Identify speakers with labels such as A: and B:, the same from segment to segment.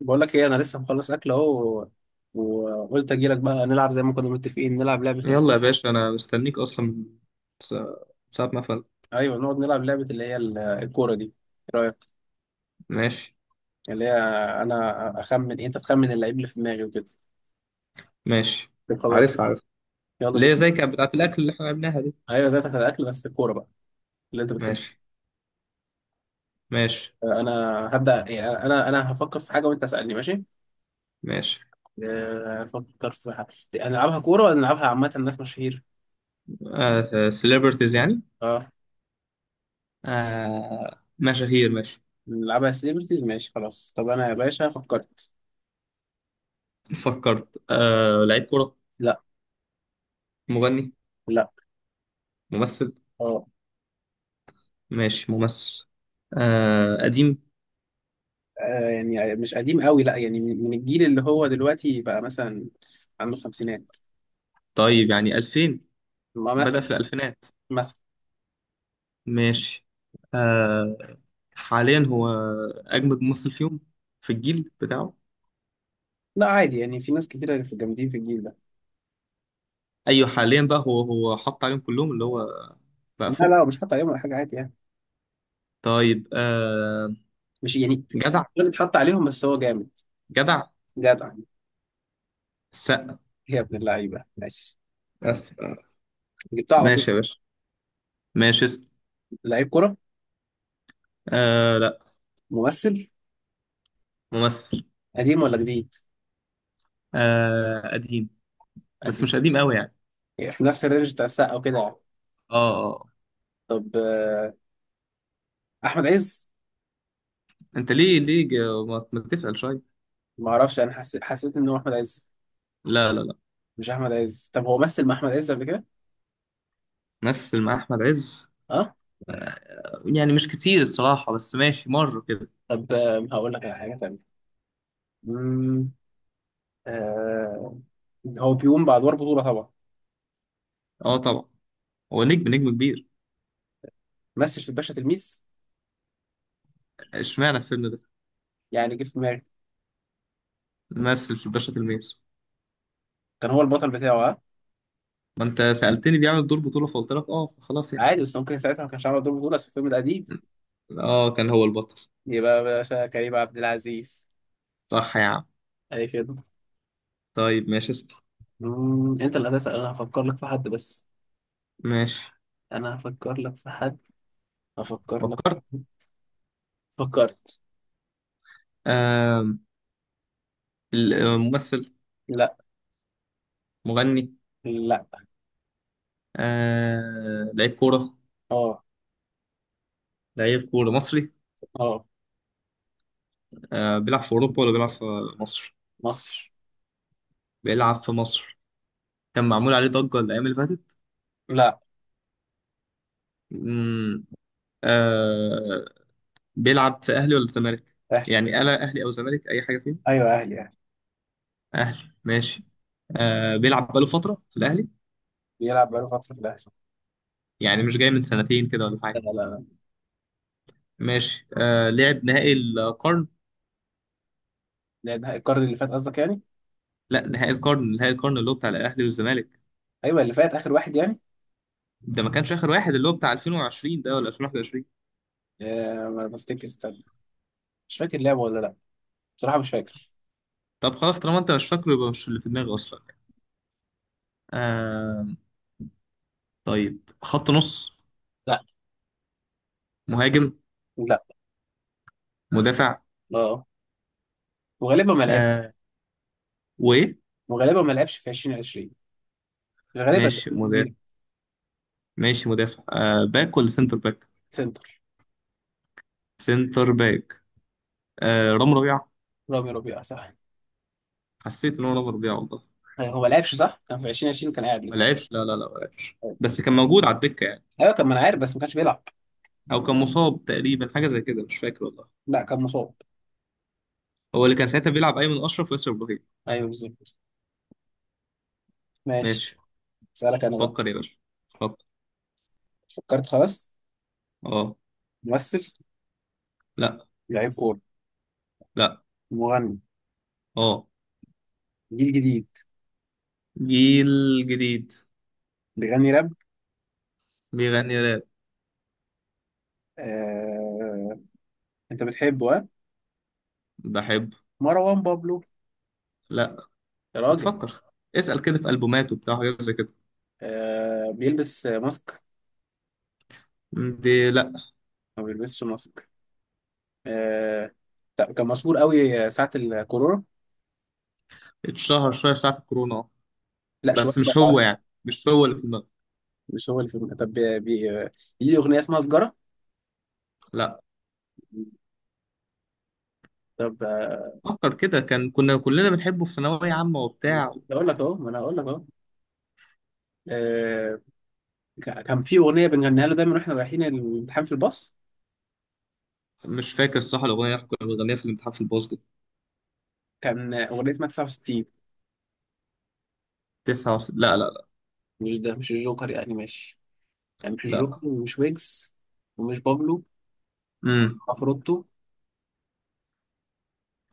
A: بقول لك ايه، انا لسه مخلص اكل اهو. وقلت اجي لك بقى نلعب زي ما كنا متفقين. نلعب لعبه ال...
B: يلا يا باشا، انا مستنيك اصلا من سا- ساعة ما فل.
A: ايوه نقعد نلعب لعبه اللي هي الكوره، دي ايه رايك؟
B: ماشي،
A: اللي هي انا اخمن انت تخمن اللعيب اللي في دماغي وكده.
B: ماشي.
A: طب خلاص
B: عارف، عارف.
A: يلا بينا.
B: ليه زي كانت بتاعت الاكل اللي احنا عملناها دي؟
A: ايوه زي بتاعت الاكل بس الكوره بقى اللي انت بتحبها.
B: ماشي. ماشي.
A: انا هبدا، يعني انا هفكر في حاجه وانت اسالني، ماشي؟
B: ماشي.
A: افكر في حاجه. هنلعبها كوره ولا نلعبها عامه، الناس مشاهير؟
B: آه، سيلبرتيز يعني.
A: اه.
B: آه، مشاهير، ماشي.
A: نلعبها سيلبرتيز، ماشي خلاص. طب انا يا باشا فكرت.
B: فكرت. آه، لعيب كرة؟
A: لا.
B: مغني؟
A: لا.
B: ممثل؟
A: اه.
B: ماشي، ممثل. آه، قديم؟
A: يعني مش قديم قوي، لا، يعني من الجيل اللي هو دلوقتي بقى، مثلا عنده خمسينات.
B: طيب يعني 2000،
A: ما
B: بدأ
A: مثلا.
B: في الألفينات.
A: مثلا.
B: ماشي. آه، حاليا هو أجمد ممثل فيهم في الجيل بتاعه.
A: لا عادي يعني، في ناس كتيرة في جامدين في الجيل ده.
B: ايوه، حاليا بقى هو حط عليهم كلهم اللي هو بقى
A: لا
B: فوق.
A: لا، مش حاطط عليهم ولا حاجة، عادي يعني.
B: طيب، آه،
A: مش يعني
B: جدع.
A: غير اتحط عليهم، بس هو جامد.
B: جدع.
A: جدع إيه؟
B: السقا.
A: يا ابن اللعيبة، ماشي.
B: بس.
A: جبتها على طول.
B: ماشي يا باشا. ماشي، اسم.
A: لعيب كرة؟
B: آه لا.
A: ممثل.
B: ممثل.
A: قديم ولا جديد؟
B: آه قديم، بس
A: قديم.
B: مش قديم قوي يعني.
A: يعني في نفس الرينج بتاع السقا وكده يعني.
B: اه، اه، آه.
A: طب أحمد عز.
B: انت ليه ما تسأل شوية.
A: ما أعرفش، أنا حسيت إن هو أحمد عز.
B: لا لا لا.
A: مش أحمد عز؟ طب هو مثل مع أحمد عز قبل كده؟
B: مثل مع احمد عز؟
A: اه.
B: يعني مش كتير الصراحة، بس ماشي مرة كده.
A: طب هقول لك على حاجه تانية. مم، آه. هو بيقوم بادوار بطوله طبعا.
B: اه طبعا. هو نجم، نجم كبير.
A: مثل في الباشا تلميذ؟
B: اشمعنى الفيلم ده؟
A: يعني جه في دماغي.
B: مثل في الباشا تلميذ.
A: كان هو البطل بتاعه، ها.
B: ما انت سألتني بيعمل دور بطولة فقلت لك اه، خلاص يعني.
A: عادي، بس ممكن ساعتها ما كانش عامل دور بطوله، بس في الفيلم القديم
B: اه، كان هو البطل.
A: يبقى باشا كريم عبد العزيز.
B: صح يا عم.
A: اي خدمه.
B: طيب ماشي، اسأل.
A: انت اللي هتسال، انا هفكر لك في حد بس.
B: ماشي،
A: انا هفكر لك في حد. هفكر لك في
B: فكرت.
A: حد. فكرت.
B: آم، الممثل.
A: لا.
B: مغني.
A: لا.
B: آه، لعيب كورة.
A: اه.
B: لعيب كورة مصري.
A: اه.
B: آه، بيلعب في أوروبا ولا بيلعب في مصر؟
A: مصر.
B: بيلعب في مصر. كان معمول عليه ضجة الأيام اللي فاتت.
A: لا.
B: مم، آه، بيلعب في أهلي ولا زمالك؟
A: اهلي.
B: يعني ألا أهلي أو زمالك أي حاجة فيهم؟
A: ايوه اهلي اهلي.
B: أهلي ماشي. آه، بيلعب بقاله فترة في الأهلي.
A: بيلعب بقاله فتره في الاهلي.
B: يعني مش جاي من سنتين كده ولا
A: لا
B: حاجة.
A: لا.
B: ماشي. آه، لعب نهائي القرن.
A: لا لا، القرن اللي فات قصدك يعني.
B: لا، نهائي القرن، نهائي القرن اللي هو بتاع الاهلي والزمالك.
A: ايوه اللي فات، اخر واحد يعني.
B: ده ما كانش اخر واحد، اللي هو بتاع 2020 ده ولا 2021.
A: ما بفتكر، استنى. مش فاكر لعبه ولا لا، بصراحه مش فاكر.
B: طب خلاص، طالما انت مش فاكره يبقى مش اللي في دماغي اصلا. آه. طيب، خط نص؟
A: لا.
B: مهاجم؟
A: لا.
B: مدافع؟
A: اه. وغالبا ما لعبش.
B: آه. وايه؟
A: وغالبا ما لعبش في 2020. مش غالبا، ده
B: ماشي، مدافع.
A: كبير.
B: ماشي، مدافع. آه، باك ولا سنتر باك؟
A: سنتر.
B: سنتر باك. آه، رام ربيعة.
A: رامي ربيعه، صح.
B: حسيت ان هو رام ربيعة والله.
A: هو ما لعبش صح، كان في 2020 كان قاعد
B: ما
A: لسه.
B: لعبش، لا لا لا، ما لعبش بس كان موجود على الدكة يعني.
A: ايوه كان، ما انا عارف، بس ما كانش بيلعب.
B: او كان مصاب تقريبا، حاجة زي كده، مش فاكر والله.
A: لا كان مصاب.
B: هو اللي كان ساعتها بيلعب ايمن اشرف وياسر ابراهيم.
A: ايوه بالظبط. ماشي.
B: ماشي.
A: اسالك انا بقى.
B: فكر يا باشا، فكر.
A: فكرت خلاص.
B: اه.
A: ممثل.
B: لا.
A: لعيب كوره.
B: لا.
A: مغني.
B: اه.
A: جيل جديد.
B: جيل جديد.
A: بيغني راب.
B: بيغني راب.
A: آه... انت بتحبه، ها؟
B: بحبه.
A: مروان بابلو.
B: لا.
A: يا
B: ما
A: راجل.
B: تفكر. اسأل كده في ألبوماته بتاع حاجات زي كده.
A: بيلبس ماسك؟
B: دي لا.
A: ما بيلبسش ماسك. آه طب كان مشهور قوي ساعة الكورونا.
B: اتشهر شوية ساعة الكورونا اه.
A: لا شوية
B: بس مش هو،
A: بقى.
B: يعني مش هو اللي في دماغك.
A: مش هو اللي في ليه أغنية اسمها سجارة؟
B: لا.
A: طب
B: فكر كده، كان كنا كلنا بنحبه في ثانوية عامة وبتاع.
A: اقول لك اهو، ما انا اقول لك اهو. آه، كان في اغنيه بنغنيها له دايما واحنا رايحين الامتحان في الباص.
B: مش فاكر الصراحة الأغنية اللي كنا بنغنيها في الامتحان في الباسكت.
A: كان اغنيه اسمها 69.
B: لا لا لا.
A: مش ده، مش الجوكر يعني ماشي، يعني مش
B: لا.
A: الجوكر ومش ويجز ومش بابلو.
B: امم.
A: عفروتو.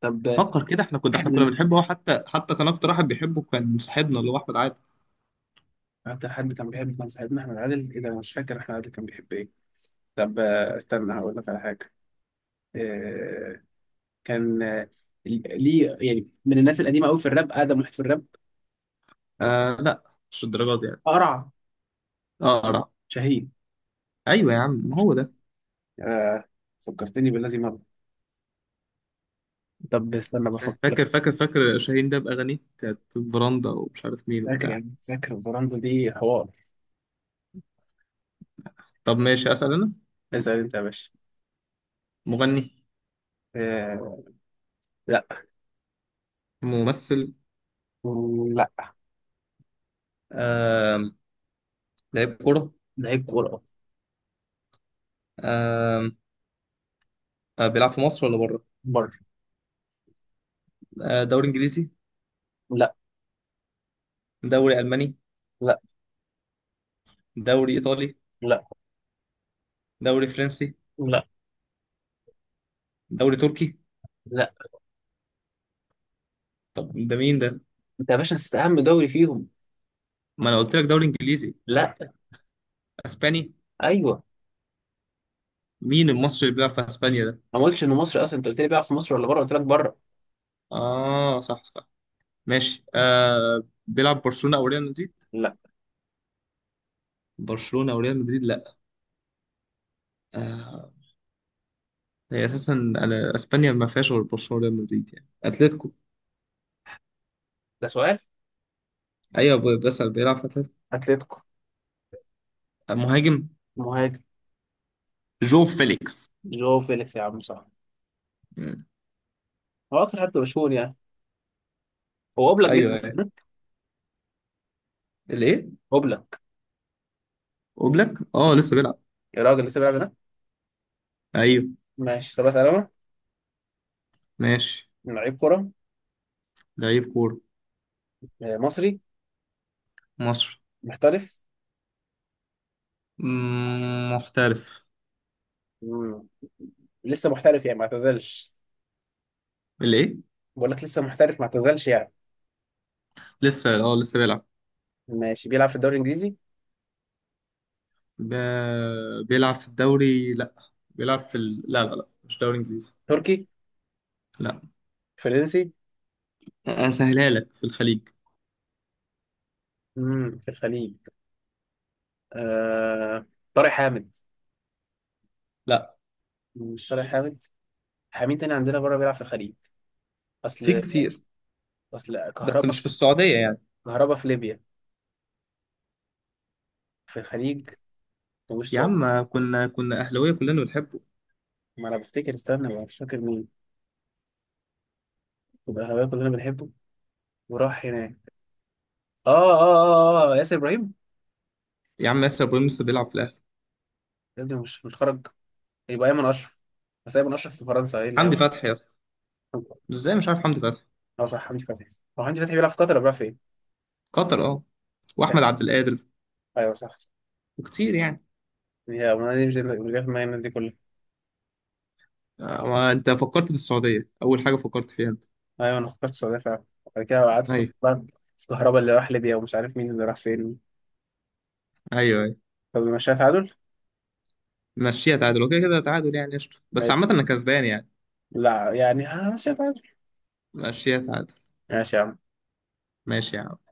A: طب.
B: فكر كده، احنا كنا بنحبه هو، حتى كان أكتر واحد بيحبه كان صاحبنا اللي هو أحمد عادل.
A: اكتر حد كان بيحب كان صاحبنا احمد عادل؟ ايه ده، انا مش فاكر احمد عادل كان بيحب ايه. طب استنى هقول لك على حاجه. آه، كان ليه يعني، من الناس القديمه قوي في الراب، اقدم واحد في الراب.
B: آه لا، مش الدرجات دي يعني.
A: قرع.
B: اقرا.
A: شاهين.
B: ايوه يا عم، ما هو ده.
A: آه، فكرتني بالذي مضى. طب استنى بفكر لك.
B: فاكر، فاكر، فاكر. شاهين ده باغانيه كانت براندا ومش عارف مين
A: فاكر
B: وبتاع.
A: يعني، فاكر الفراندو دي حوار.
B: طب ماشي، اسال انا.
A: اسال انت يا باشا.
B: مغني.
A: آه، لا.
B: ممثل.
A: لا.
B: آه، لعيب كوره.
A: لعيب كوره.
B: آه. آه، بيلعب في مصر ولا بره؟
A: بره.
B: آه، دوري انجليزي؟
A: لا.
B: دوري الماني؟
A: لا.
B: دوري ايطالي؟
A: لا.
B: دوري فرنسي؟
A: لا.
B: دوري تركي؟
A: لا.
B: طب ده مين ده؟
A: انت يا باشا نسيت اهم دوري فيهم.
B: ما انا قلت لك دوري انجليزي.
A: لا.
B: اسباني.
A: ايوه.
B: مين المصري اللي بيلعب في اسبانيا ده؟
A: انا ما قلتش انه مصري اصلا، انت قلت لي بيلعب في مصر ولا بره، قلت لك بره.
B: اه صح، صح. ماشي، آه، بيلعب برشلونة او ريال مدريد؟
A: لا.
B: برشلونة او ريال مدريد، لا. آه. هي اساسا اسبانيا ما فيهاش غير برشلونة وريال مدريد، يعني اتلتيكو.
A: ده سؤال.
B: ايوه، بس بيلعب في اتلتيكو.
A: اتلتيكو.
B: آه، مهاجم.
A: مهاجم.
B: جو فيليكس.
A: جو فيليكس يا عم، صح.
B: مم.
A: هو اكتر حد مشهور يعني. هو اوبلاك
B: ايوه،
A: بيلعب
B: ايوه.
A: هناك.
B: الايه؟
A: اوبلاك.
B: اوبلاك، اه لسه بيلعب.
A: يا راجل لسه بيلعب هناك.
B: ايوه.
A: ماشي. طب اسال انا.
B: ماشي،
A: لعيب كوره.
B: لعيب كورة.
A: مصري.
B: مصر.
A: محترف.
B: مم، محترف.
A: مم. لسه محترف يعني، ما اعتزلش.
B: الايه؟
A: بقول لك لسه محترف، ما اعتزلش يعني.
B: لسه، اه لسه بيلعب.
A: ماشي. بيلعب في الدوري الانجليزي.
B: ب... بيلعب في الدوري، لا. بيلعب في لا لا لا، مش دوري انجليزي.
A: تركي.
B: لا.
A: فرنسي.
B: اسهلها لك، في الخليج.
A: امم، في الخليج. آه... طارق حامد.
B: لا.
A: مش طارق حامد. حامين تاني عندنا بره بيلعب في الخليج.
B: في
A: اصل.
B: كتير،
A: اصل
B: بس
A: كهربا.
B: مش في السعودية يعني.
A: كهربا في ليبيا. في الخليج. مش
B: يا
A: صار.
B: عم، كنا اهلاويه كلنا بنحبه.
A: ما انا بفتكر، استنى، ما مش فاكر مين. والأهلاوية كلنا بنحبه، وراح هناك. اه اه اه اه، ياسر ابراهيم.
B: يا عم ياسر ابراهيم لسه بيلعب في الاهلي.
A: يا ابني مش خرج. يبقى ايمن اشرف. بس ايمن اشرف في فرنسا، ايه اللي
B: حمدي
A: هيبقى.
B: فتحي يا اسطى. ازاي مش عارف حمدي فتحي.
A: اه صح، حمدي فتحي. هو حمدي فتحي بيلعب في قطر ولا بيلعب فين؟
B: قطر اه. واحمد عبد القادر.
A: ايوه صح.
B: وكتير يعني.
A: هي، ما دي مش جايه في دماغي الناس دي كلها.
B: آه، ما انت فكرت في السعوديه اول حاجه فكرت فيها انت.
A: ايوه، انا فكرت السعوديه فعلا. بعد كده قعدت افكر
B: ايوه،
A: بقى في الكهرباء اللي راح ليبيا ومش عارف مين اللي راح فين.
B: ايوه. ايوه،
A: طب مشيها تعادل؟
B: مشيها تعادل وكده كده تعادل يعني قشطه،
A: ما
B: بس
A: يت-
B: عامه انا كسبان يعني.
A: لا يعني، ها مشيها تعادل.
B: مشيها تعادل.
A: ماشي يا عم.
B: ماشي يا عم.